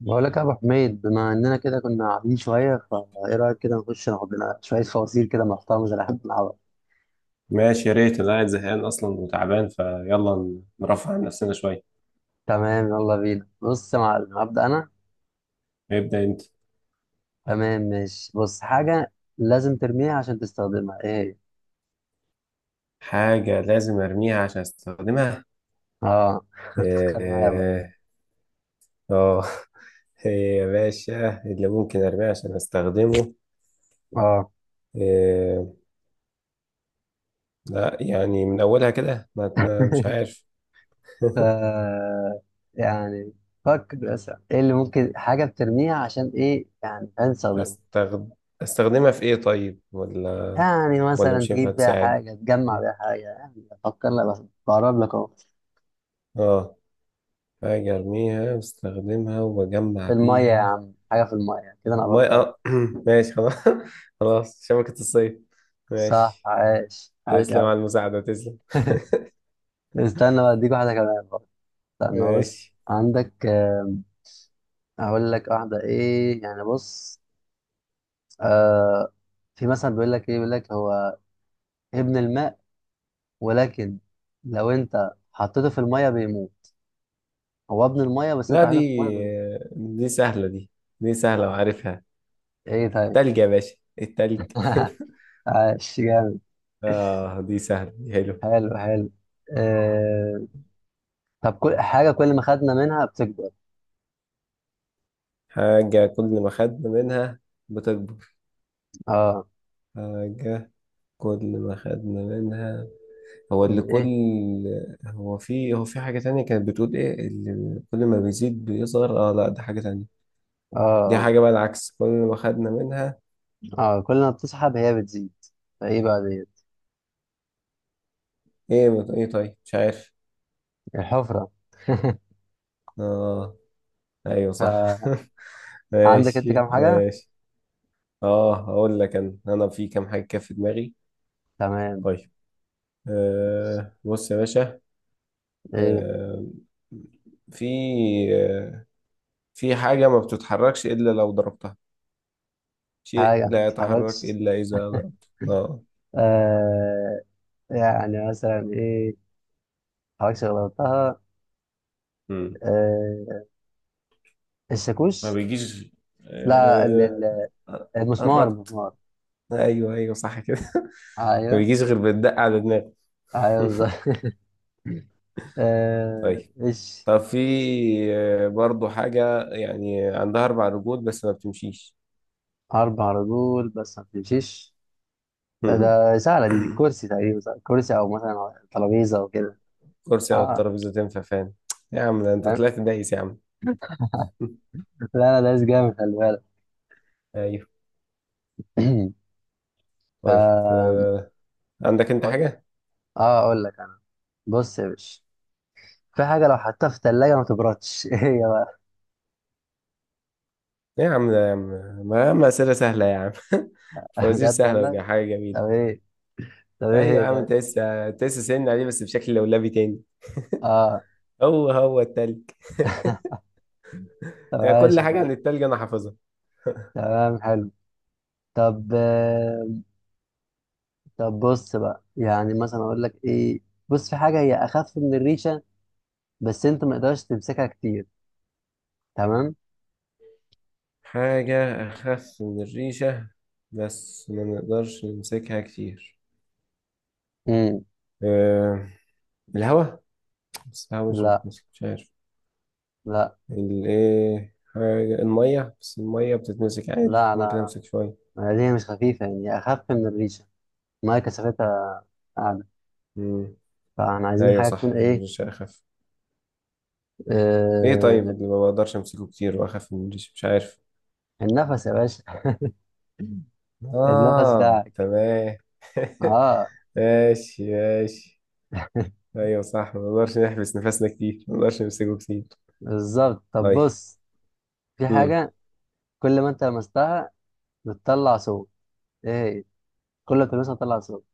بقول لك يا ابو حميد، بما اننا كده كنا قاعدين شويه، فايه رايك كده نخش ناخد لنا شويه فوازير كده محترمه زي اللي احنا بنلعبها؟ ماشي، يا ريت. انا قاعد زهقان اصلا وتعبان، فيلا نرفع عن نفسنا شويه. تمام، يلا بينا. بص يا معلم، هبدا انا. ابدا انت. تمام ماشي. بص، حاجه لازم ترميها عشان تستخدمها، ايه هي؟ حاجه لازم ارميها عشان استخدمها. اه، فكر معايا بقى. اه، اه آه. إيه يا باشا اللي ممكن ارميه عشان استخدمه؟ اه، إيه؟ لا يعني من اولها كده مش عارف. ف يعني فكر بس، ايه اللي ممكن حاجه بترميها عشان ايه، يعني عشان تستخدمها. استخد... استخدمها في ايه طيب، ولا؟ يعني ولا مثلا مش هينفع تجيب بيها تساعد؟ حاجه، تجمع بيها حاجه، يعني فكر لك بس. بقرب لك. اه، حاجه ارميها واستخدمها وبجمع في المية يا بيها. عم، حاجة في المية كده، أنا الماي، قربت أوي. اه ماشي خلاص. خلاص، شبكة الصيد. صح، ماشي. عاش عاش تسلم أوي. على المساعدة، تسلم. استنى بقى، أديك واحدة كمان برضه. استنى بص، ماشي. عندك أقول لك واحدة إيه، يعني بص. آه. في مثلا بيقول لك إيه، بيقول لك هو ابن الماء، ولكن لو أنت حطيته في المية بيموت. هو ابن المية بس أنت لا، دي حطيته في المية بيموت. دي سهلة، دي دي سهلة آه. وعارفها. إيه، طيب. تلج يا باشا، التلج. عاش جامد. اه دي سهلة دي، حلو. حلو حلو. آه. طب كل حاجة كل ما خدنا منها بتكبر. حاجة كل ما خدنا منها بتكبر. اه. حاجة كل ما خدنا منها، هو اللي يعني كل، إيه؟ هو في، هو في حاجة تانية كانت بتقول ايه اللي كل ما بيزيد بيصغر. اه لا، دي حاجة تانية. اه، دي آه. حاجة بقى العكس كل ما خدنا منها. اه، كل ما بتسحب هي بتزيد. فايه بقى ديت؟ ايه طيب، مش عارف. الحفرة. اه، ايوه صح. عندك انت ماشي كام حاجة؟ ماشي. اه، هقول لك انا، انا في كام حاجه كده في دماغي. تمام. طيب، آه بص يا باشا. ايه؟ آه، في، آه، في حاجه ما بتتحركش الا لو ضربتها. شيء حاجة ما لا يتحرك تتحركش. الا اذا ضربت، اه. آه، يعني مثلا ايه ما تتحركش غير لو قلتها؟ مم. آه، ما الشاكوش. بيجيش. لا، آه المسمار قربت. المسمار. ايوه ايوه صح كده. ما ايوه بيجيش غير بالدق على دماغك. ايوه، بالظبط. آه طيب، ايش. طب في، آه، برضو حاجة يعني عندها أربع رجول بس ما بتمشيش. اربع رجول بس ما بتمشيش. ده هم. ده سهلة دي الكرسي تقريبا، صح؟ كرسي او مثلا ترابيزة او كده. كرسي أو اه، الترابيزة تنفع فين؟ يا عم ده أنت فاهم؟ طلعت دايس يا عم. لا لا، ده جامد، خلي بالك. أيوه. ف طيب آه، عندك أنت حاجة؟ اه، اقول لك انا. بص يا باشا، في حاجه لو حطيتها في الثلاجه ما تبردش. ايه هي بقى؟ يا عم ده، يا عم ما أسئلة سهلة يا عم. فوازير بجد سهلة والله. وحاجة جميلة. طب ايه؟ طب ايه أيوه هي، يا عم، طيب؟ أنت لسه أنت لسه سن عليه بس بشكل لولبي تاني. اه. هو هو التلج. طب يعني عايش كل حاجة والله. عن التلج أنا حافظها. تمام حلو. طب طب بص بقى، يعني مثلا اقول لك ايه. بص، في حاجه هي اخف من الريشه، بس انت ما تقدرش تمسكها كتير. تمام. حاجة أخف من الريشة بس ما نقدرش نمسكها كتير. امم. آه، الهواء. بس الهواء مش لا بتمسك، مش عارف. لا الايه، حاجة المية، بس المية بتتمسك عادي لا لا ممكن لا. امسك شوية. ما هي دي مش خفيفه، يعني هي اخف من الريشه. ما هي كثافتها اعلى. مم. فاحنا عايزين ايوه حاجه تكون صح ايه. الريش اخف. ايه طيب آه، اللي ما بقدرش امسكه كتير واخف من الريش؟ مش عارف. النفس يا باشا. النفس اه ده. تمام. اه. ماشي ماشي. ايوه صح، ما نقدرش نحبس نفسنا كتير، ما نقدرش نمسكه كتير. بالظبط. طب طيب. بص، في مم. حاجة كل ما انت لمستها بتطلع صوت، ايه هي؟ كل ما تلمسها بتطلع صوت.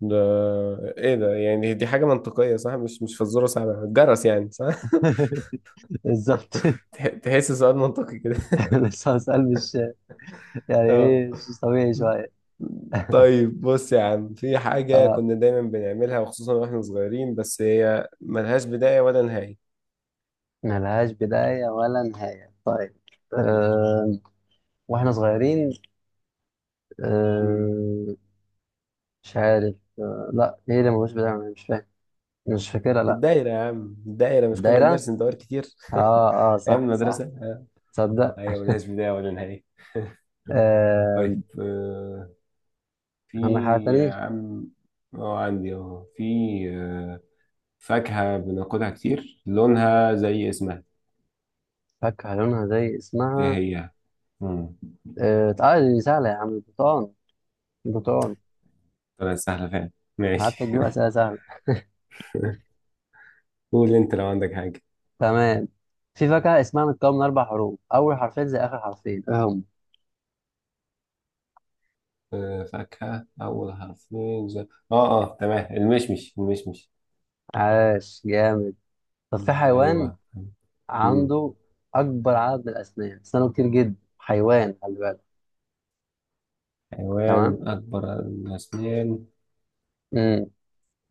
ده، ايه ده؟ يعني دي حاجة منطقية صح، مش مش فزورة صعبة، الجرس يعني صح. بالظبط. تحس سؤال منطقي كده. لسه سؤال مش، يعني اه ايه، مش طبيعي شوية. طيب، بص يا عم في حاجة اه. كنا دايما بنعملها وخصوصا واحنا صغيرين بس هي ملهاش بداية ولا نهاية. ملهاش بداية ولا نهاية، طيب. مم. أه. واحنا صغيرين. مم. أه. مش عارف. أه، لا، ايه اللي ملوش بداية؟ أنا مش فاهم، مش فاكرها، لا. الدايرة يا عم، الدايرة. مش كنا الدايرة. بنرسم دوائر كتير؟ اه اه، أيام صح صح. المدرسة آه. تصدق؟ أيوة ملهاش بداية ولا نهاية. أه. طيب آه، في، عندك حاجة تانية؟ يا عم، أه عندي أهو، في، آه، فاكهة بناكلها كتير لونها زي اسمها، فاكهة لونها زي إيه اسمها. هي؟ مم. آه آه، دي سهلة يا عم، البرتقال. البرتقال. طلعت سهلة فعلا، ماشي. حتى تجيب أسئلة سهلة. قول أنت لو عندك حاجة. تمام. في فاكهة اسمها متكون من أربع حروف، أول حرفين زي آخر حرفين، إيه هم؟ آه، فاكهة أول حرفين آه آه تمام، المشمش المشمش. عاش جامد. طب في مم، حيوان أيوه. مم. عنده أكبر عدد من الأسنان، أسنانه كتير جدا، حيوان خلي بالك. تمام. حيوان أكبر الأسنان. مم.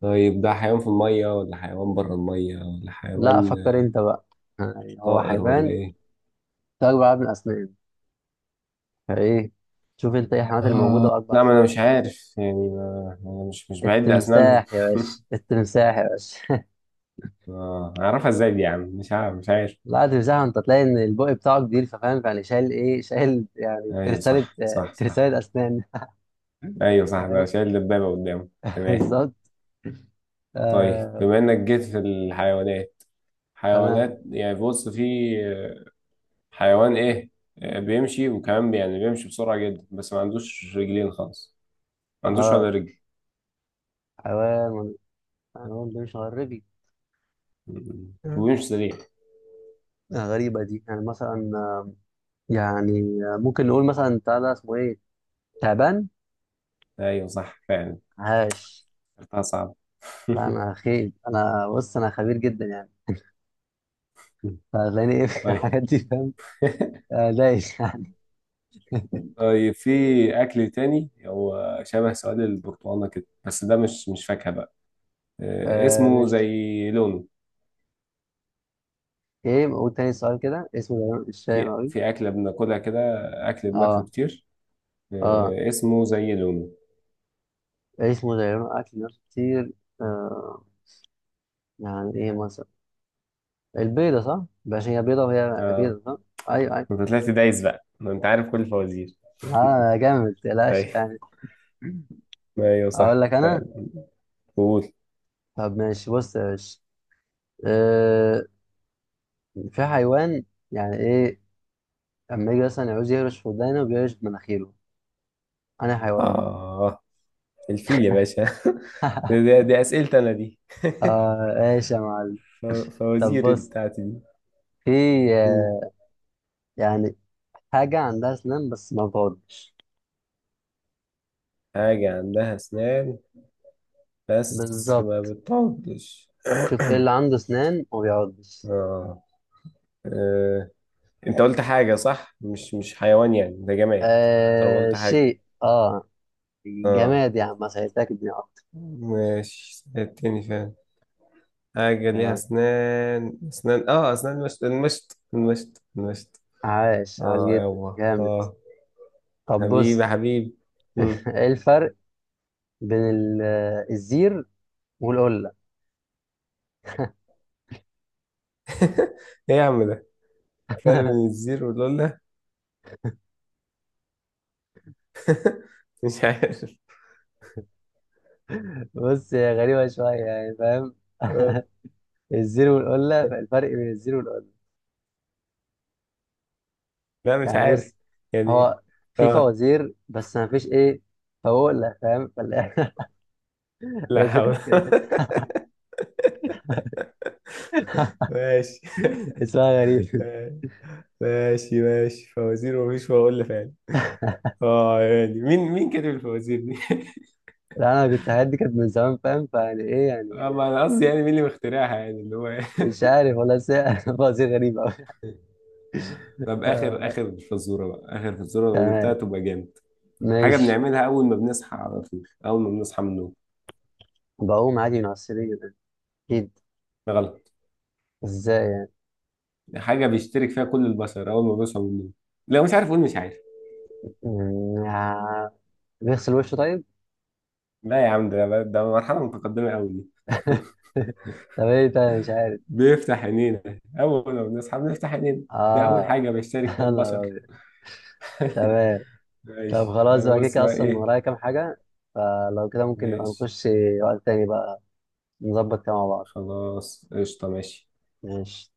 طيب ده حيوان في المية ولا حيوان بره المية، ولا لا، حيوان فكر أنت بقى. يعني هو طائر حيوان ولا عنده إيه؟ أكبر عدد من الأسنان، فإيه؟ شوف أنت إيه الحيوانات اللي موجودة آه وأكبر لا، ما أنا أسنان. مش عارف يعني، ما أنا مش مش بعد أسنانهم. التمساح يا باشا، التمساح يا باشا. آه أعرفها إزاي دي يا عم، مش عارف مش عارف. لا، تمسحه انت تلاقي ان البق بتاعه كبير، ففاهم يعني شايل ايه، شايل يعني أيوه ترسالة، صح صح صح. ترسالة اسنان. أيوه صح ده فاهم. شايل دبابة قدامه، تمام. بالظبط. طيب آه. بما إنك جيت في الحيوانات، تمام. حيوانات يعني بص في حيوان ايه، آه، بيمشي وكمان يعني بيمشي بسرعة جدا بس ما عندوش رجلين خالص، ما عندوش اه، ولا رجل حيوان. حيوان ده مش غربي. آه، وبيمشي سريع. غريبة دي، يعني مثلا يعني ممكن نقول مثلا بتاع ده اسمه ايه. تعبان. ايوه صح فعلا. عاش. اختها صعب. لا انا خيل، انا بص، انا خبير جدا يعني. فهتلاقيني ايه في طيب. الحاجات دي، فاهم. آه، دايس يعني. طيب في اكل تاني هو شبه سؤال البرتقالة كده، بس ده مش مش فاكهة بقى. آه، آه اسمه مش. زي لونه. ايه، قول تاني سؤال كده، اسمه ده مش فاهم في، قوي. في اكلة بناكلها كده، اكل بناكله اه كتير، اه. آه، اسمه زي لونه. عيش مدعية أكل ناس كتير. آه. يعني إيه مثلا؟ البيضة، صح؟ باش هي بيضة وهي آه. بيضة، صح؟ أيوه انت أيوه. طلعت دايس بقى ما انت عارف كل الفوازير. آه جامد، متقلقش ايوه، يعني. ايوه أقول صح لك أنا. فعلا. قول. طب ماشي، بص يا باشا. آه. في حيوان، يعني إيه، لما يجي مثلا يعوز يهرش في ودانه، بيهرش بمناخيره. أنا حيوان ده. اه، الفيل يا باشا. دي, دي, دي اسئلتي انا دي. آه إيش يا معلم. ف- طب فوازير بص، بتاعتي دي. في مم. آه، يعني حاجة عندها أسنان بس ما بتعضش. حاجة عندها اسنان بس ما بالظبط. بتعضش. شوف إيه اللي عنده أسنان وما بيعضش. آه. آه. انت قلت حاجة صح، مش مش حيوان يعني ده جماد. طالما آه قلت حاجة، شيء، اه. اه جماد يا عم، ما سهلتك الدنيا اكتر. ماشي التاني فعلا. حاجة ليها آه، أسنان، أسنان، آه أسنان المشط، المشط المشط المشط. عاش عاش آه جدا يابا جامد. آه. طب حبيبي بص. حبيبي. مم. ايه الفرق بين الزير والقلة. إيه يا عم ده، فرق بين الزير واللولة؟ مش عارف. بص هي غريبة شوية يعني، فاهم. آه الزير والقلة، الفرق بين الزير والقلة. لا، مش يعني عارف بص، يعني، هو في آه، فوازير بس ما فيش ايه، فوقلة، فاهم هي لا الفكرة حول. في كده. ماشي، اسمها غريب. ماشي ماشي، فوازير ومفيش فواصيل فعلا. آه يعني مين، مين كاتب الفوازير دي؟ لا انا كنت، حياتي كانت من زمان، فاهم، فيعني ايه يعني. آه ما أنا قصدي يعني مين اللي مخترعها، يعني اللي هو. مش عارف والله، بس هي فوازير غريبة أوي. طب آخر، آه، آخر فزورة بقى، آخر فزورة لو جبتها تمام، تبقى جامد. حاجة ماشي. بنعملها أول ما بنصحى على طول، أول ما بنصحى من النوم. بقوم عادي من على السرير، أكيد. غلط. إزاي يعني؟ حاجة بيشترك فيها كل البشر أول ما بيصحى من النوم. لو مش عارف قول مش عارف. مم، آه، بيغسل وشه، طيب. لا يا عم ده، ده مرحلة متقدمة أوي دي. طب إيه تاني، مش عارف. بيفتح عينينا، أول ما بنصحى بنفتح عينينا. ده أول آه. حاجة بيشترك فيها أنا البشر. راجل. تمام. طب ماشي، خلاص أنا بقى، كده بص كده بقى أصلا إيه. ورايا كام حاجة، فلو كده ممكن نبقى ماشي. نخش وقت تاني بقى، نظبط كده مع بعض. خلاص قشطة، ماشي. ماشي.